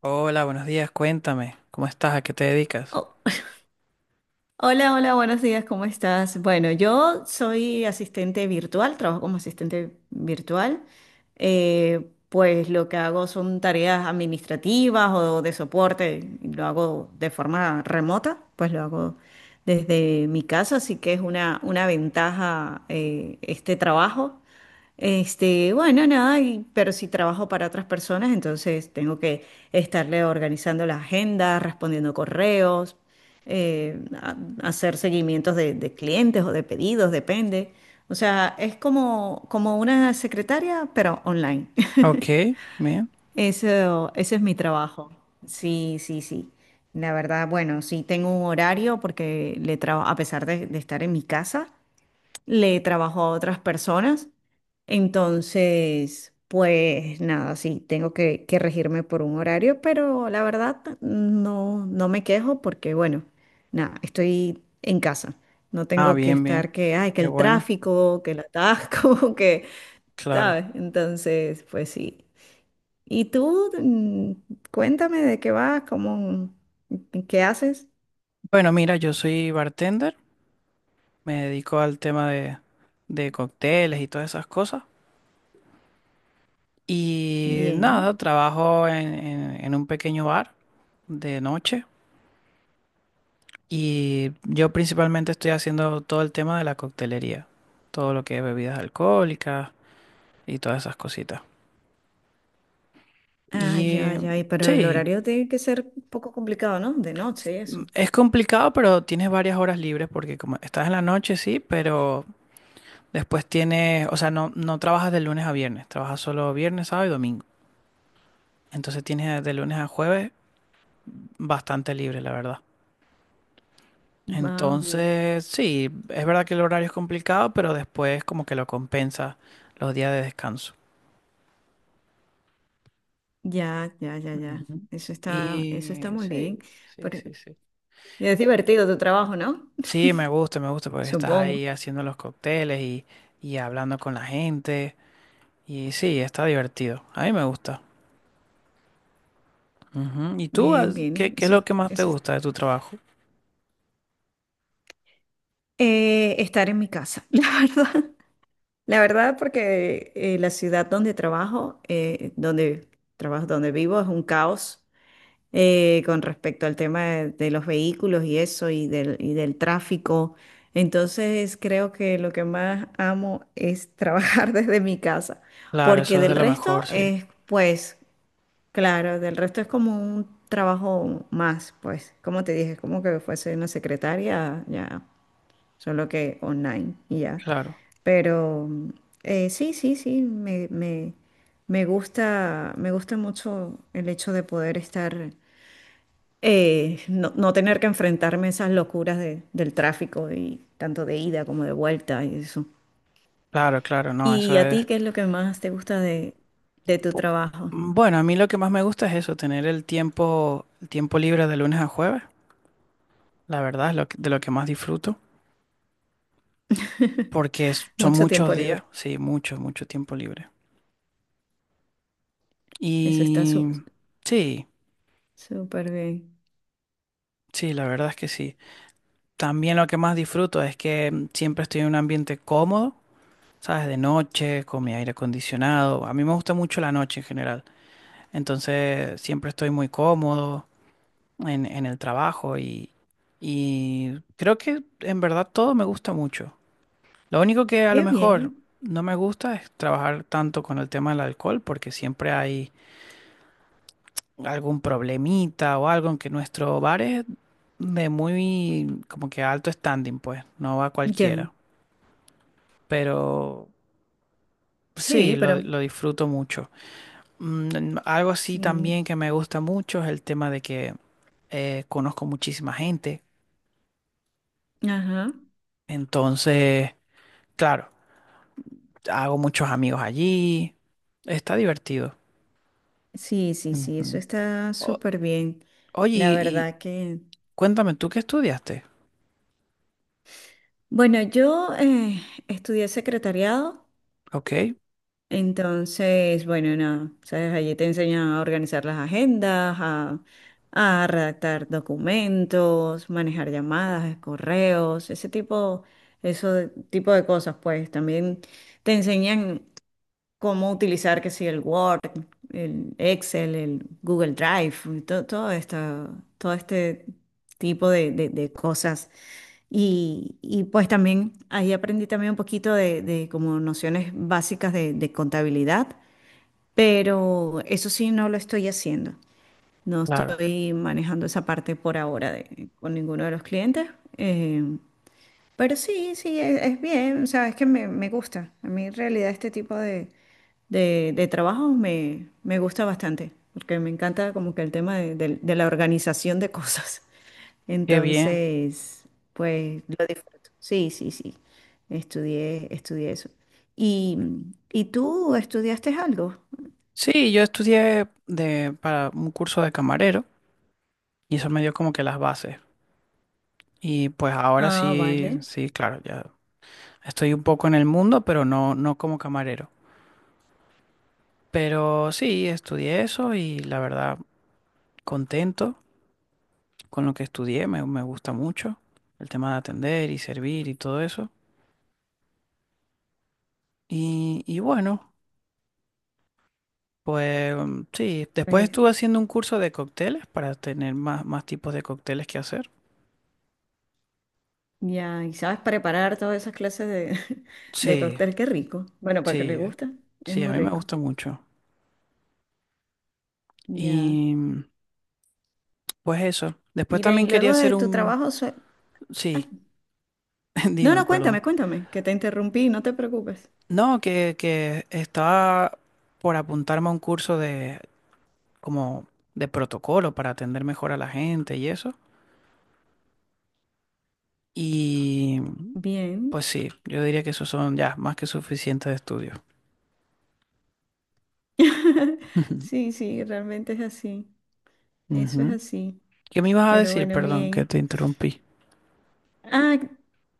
Hola, buenos días, cuéntame, ¿cómo estás? ¿A qué te dedicas? Oh, hola, hola, buenos días, ¿cómo estás? Bueno, yo soy asistente virtual, trabajo como asistente virtual. Pues lo que hago son tareas administrativas o de soporte, y lo hago de forma remota, pues lo hago desde mi casa, así que es una ventaja este trabajo. Bueno, nada, pero si trabajo para otras personas, entonces tengo que estarle organizando la agenda, respondiendo correos, eh, a- hacer seguimientos de clientes o de pedidos, depende. O sea, es como una secretaria, pero online. Ok, bien. Eso, ese es mi trabajo. Sí, sí, sí. La verdad, bueno, sí tengo un horario porque le trabajo, a pesar de estar en mi casa, le trabajo a otras personas. Entonces, pues nada, sí, tengo que regirme por un horario, pero la verdad no, no me quejo porque, bueno, nada, estoy en casa. No Ah, tengo que bien, bien. estar que, ay, que Qué el bueno, tráfico, que el atasco, que, ¿sabes? claro. Entonces, pues sí. ¿Y tú? Cuéntame de qué vas, cómo, qué haces. Bueno, mira, yo soy bartender, me dedico al tema de cócteles y todas esas cosas. Y nada, Bien. trabajo en, en un pequeño bar de noche y yo principalmente estoy haciendo todo el tema de la coctelería, todo lo que es bebidas alcohólicas y todas esas cositas. Ah, Y ya, eh, ya, y pero el sí, horario tiene que ser un poco complicado, ¿no? De noche y eso. es complicado, pero tienes varias horas libres porque como estás en la noche, sí, pero después tienes, o sea, no, no trabajas de lunes a viernes, trabajas solo viernes, sábado y domingo. Entonces tienes de lunes a jueves bastante libre, la verdad. Ah, ok. Entonces, sí, es verdad que el horario es complicado, pero después como que lo compensa los días de descanso. Ya, ya, ya, ya. Ujú. Eso está Y muy bien. sí, sí, Pero sí, sí. es divertido tu trabajo, ¿no? Sí, me gusta porque estás Supongo. ahí haciendo los cócteles y hablando con la gente. Y sí, está divertido. A mí me gusta. Ujú. ¿Y tú, ah, Bien, qué, bien. qué es lo que más te gusta de tu trabajo? Estar en mi casa, la verdad. La verdad, porque la ciudad donde trabajo, donde vivo, es un caos. Con respecto al tema de los vehículos y eso y del tráfico. Entonces creo que lo que más amo es trabajar desde mi casa, Claro, eso porque es de del lo resto mejor, sí. es, pues, claro, del resto es como un trabajo más, pues, como te dije, es como que fuese una secretaria, ya, solo que online y ya. Claro, Pero sí, sí, sí, me gusta mucho el hecho de poder estar no, no tener que enfrentarme a esas locuras del tráfico y tanto de ida como de vuelta y eso. claro, claro, no, eso ¿Y a ti es... qué es lo que más te gusta de tu pu- trabajo? Bueno, a mí lo que más me gusta es eso, tener el tiempo libre de lunes a jueves. La verdad es lo de lo que más disfruto, porque son Mucho muchos tiempo días, libre. sí, mucho, mucho tiempo libre. Eso está Y su- sí, súper bien. sí, la verdad es que sí. También lo que más disfruto es que siempre estoy en un ambiente cómodo. ¿Sabes? De noche, con mi aire acondicionado. A mí me gusta mucho la noche en general. Entonces siempre estoy muy cómodo en el trabajo y creo que en verdad todo me gusta mucho. Lo único que a lo Qué mejor bien. no me gusta es trabajar tanto con el tema del alcohol porque siempre hay algún problemita o algo en que nuestro bar es de muy como que alto standing, pues, no va Ya. cualquiera. Pero sí, Sí, lo pero lo disfruto mucho. Algo así sí. también que me gusta mucho es el tema de que conozco muchísima gente. Ajá. Entonces, claro, hago muchos amigos allí. Está divertido. Sí, sí, sí, eso Ujú. está O- súper bien. oye, La y verdad que... cuéntame, ¿tú qué estudiaste? Bueno, yo estudié secretariado. Ok, Entonces, bueno, nada, sabes, allí te enseñan a organizar las agendas, a redactar documentos, manejar llamadas, correos, ese tipo, tipo de cosas, pues también te enseñan cómo utilizar, que si el Word, el Excel, el Google Drive, todo, todo esto, todo este tipo de cosas. Y pues también ahí aprendí también un poquito de como nociones básicas de contabilidad, pero eso sí no lo estoy haciendo. No claro. estoy manejando esa parte por ahora con ninguno de los clientes. eh, pero sí, sí, es bien, o sea, es que me gusta. A mí en realidad este tipo de trabajos me, me gusta bastante, porque me encanta como que el tema de la organización de cosas. Qué bien. Entonces, pues lo disfruto. Sí, sí, sí, estudié, estudié eso. ¿Y, y tú estudiaste algo? Sí, yo estudié de, para un curso de camarero y eso me dio como que las bases. Y pues ahora Ah, sí, vale. sí, claro, ya estoy un poco en el mundo, pero no, no como camarero. Pero sí, estudié eso y la verdad, contento con lo que estudié, me gusta mucho el tema de atender y servir y todo eso. Y bueno, pues sí, después Pues estuve haciendo un curso de cócteles para tener más, más tipos de cócteles que hacer. ya, y sabes preparar todas esas clases de, de Sí, cóctel, qué rico. Bueno, para que le sí, gusta, es sí, a muy mí me rico. gusta mucho. Ya. Y pues eso. Después Mira, y también quería luego de hacer tu un... trabajo... Ay, Sí, no, dime, no, perdón. cuéntame, cuéntame, que te interrumpí, no te preocupes. No, que estaba por apuntarme a un curso de, como de protocolo para atender mejor a la gente y eso. Y Bien. pues sí, yo diría que esos son ya más que suficientes estudios. Sí, sí, realmente es así. Eso es Ujú. así. ¿Qué me ibas a Pero decir? bueno, Perdón, que bien. te interrumpí. Ah,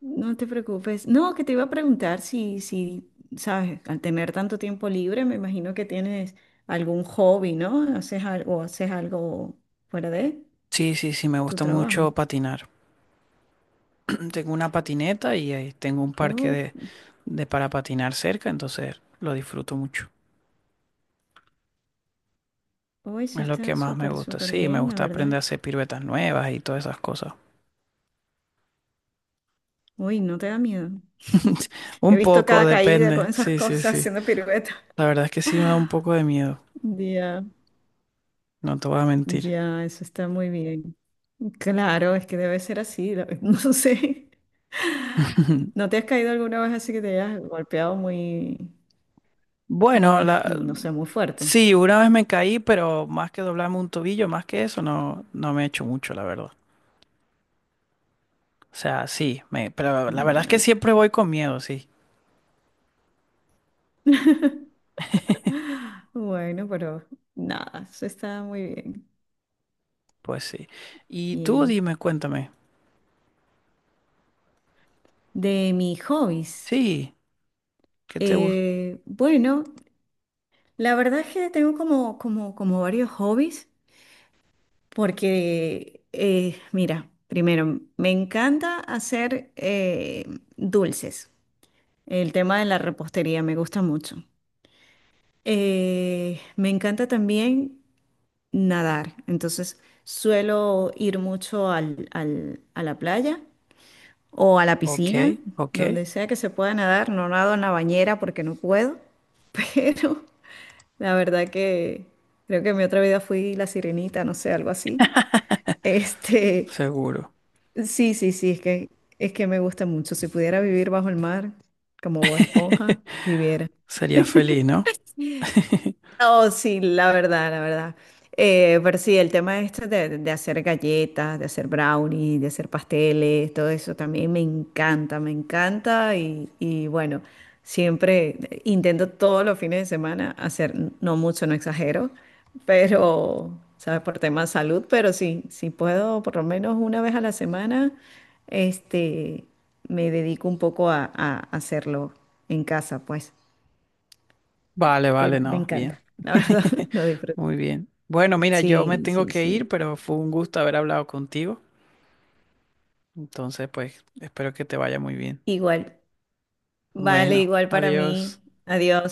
no te preocupes. No, que te iba a preguntar si, si, sabes, al tener tanto tiempo libre, me imagino que tienes algún hobby, ¿no? Haces algo, o haces algo fuera de Sí, sí, sí, me tu gusta mucho trabajo. patinar. Tengo una patineta y ahí tengo un parque Oh, de para patinar cerca, entonces lo disfruto mucho. hoy sí Es lo que está más me súper, gusta. súper Sí, me bien, la gusta aprender verdad. a hacer piruetas nuevas y todas esas cosas. Uy, ¿no te da miedo? He Un visto poco, cada caída con depende. esas Sí, sí, cosas sí. haciendo piruetas. La verdad es que sí me da un poco de miedo. Ya, No te voy a mentir. ya, eso está muy bien. Claro, es que debe ser así. No sé. ¿No te has caído alguna vez así que te hayas golpeado muy, Bueno, muy, la, no sé, muy fuerte? sí, una vez me caí, pero más que doblarme un tobillo, más que eso, no, no me he hecho mucho, la verdad. O sea, sí, me, pero la verdad es que Bueno, siempre voy con miedo, sí. bueno, pero nada, eso está muy bien. Pues sí. Y tú Bien. dime, cuéntame. De mis hobbies. Sí, ¿qué te gusta? Bueno, la verdad es que tengo como varios hobbies. Porque, mira, primero, me encanta hacer dulces. El tema de la repostería me gusta mucho. Me encanta también nadar. Entonces, suelo ir mucho a la playa o a la Ok, piscina, ok, donde sea que se pueda nadar. No nado en la bañera porque no puedo, pero la verdad que creo que en mi otra vida fui la sirenita, no sé, algo así. Este. seguro. Sí, sí, sí, es que me gusta mucho. Si pudiera vivir bajo el mar, como Bob Esponja, viviera. Sería feliz, ¿no? Oh, sí, la verdad, la verdad. Pero sí, el tema este de hacer galletas, de hacer brownies, de hacer pasteles, todo eso también me encanta y bueno, siempre intento todos los fines de semana hacer, no mucho, no exagero, pero, ¿sabes? Por tema de salud, pero sí, si puedo por lo menos una vez a la semana, este, me dedico un poco a hacerlo en casa, pues, Vale, pero vale, me no, bien. encanta, la verdad, lo disfruto. Muy bien. Bueno, mira, yo me Sí, tengo sí, que sí. ir, pero fue un gusto haber hablado contigo. Entonces, pues, espero que te vaya muy bien. Igual. Vale, Bueno, igual para adiós. mí. Adiós.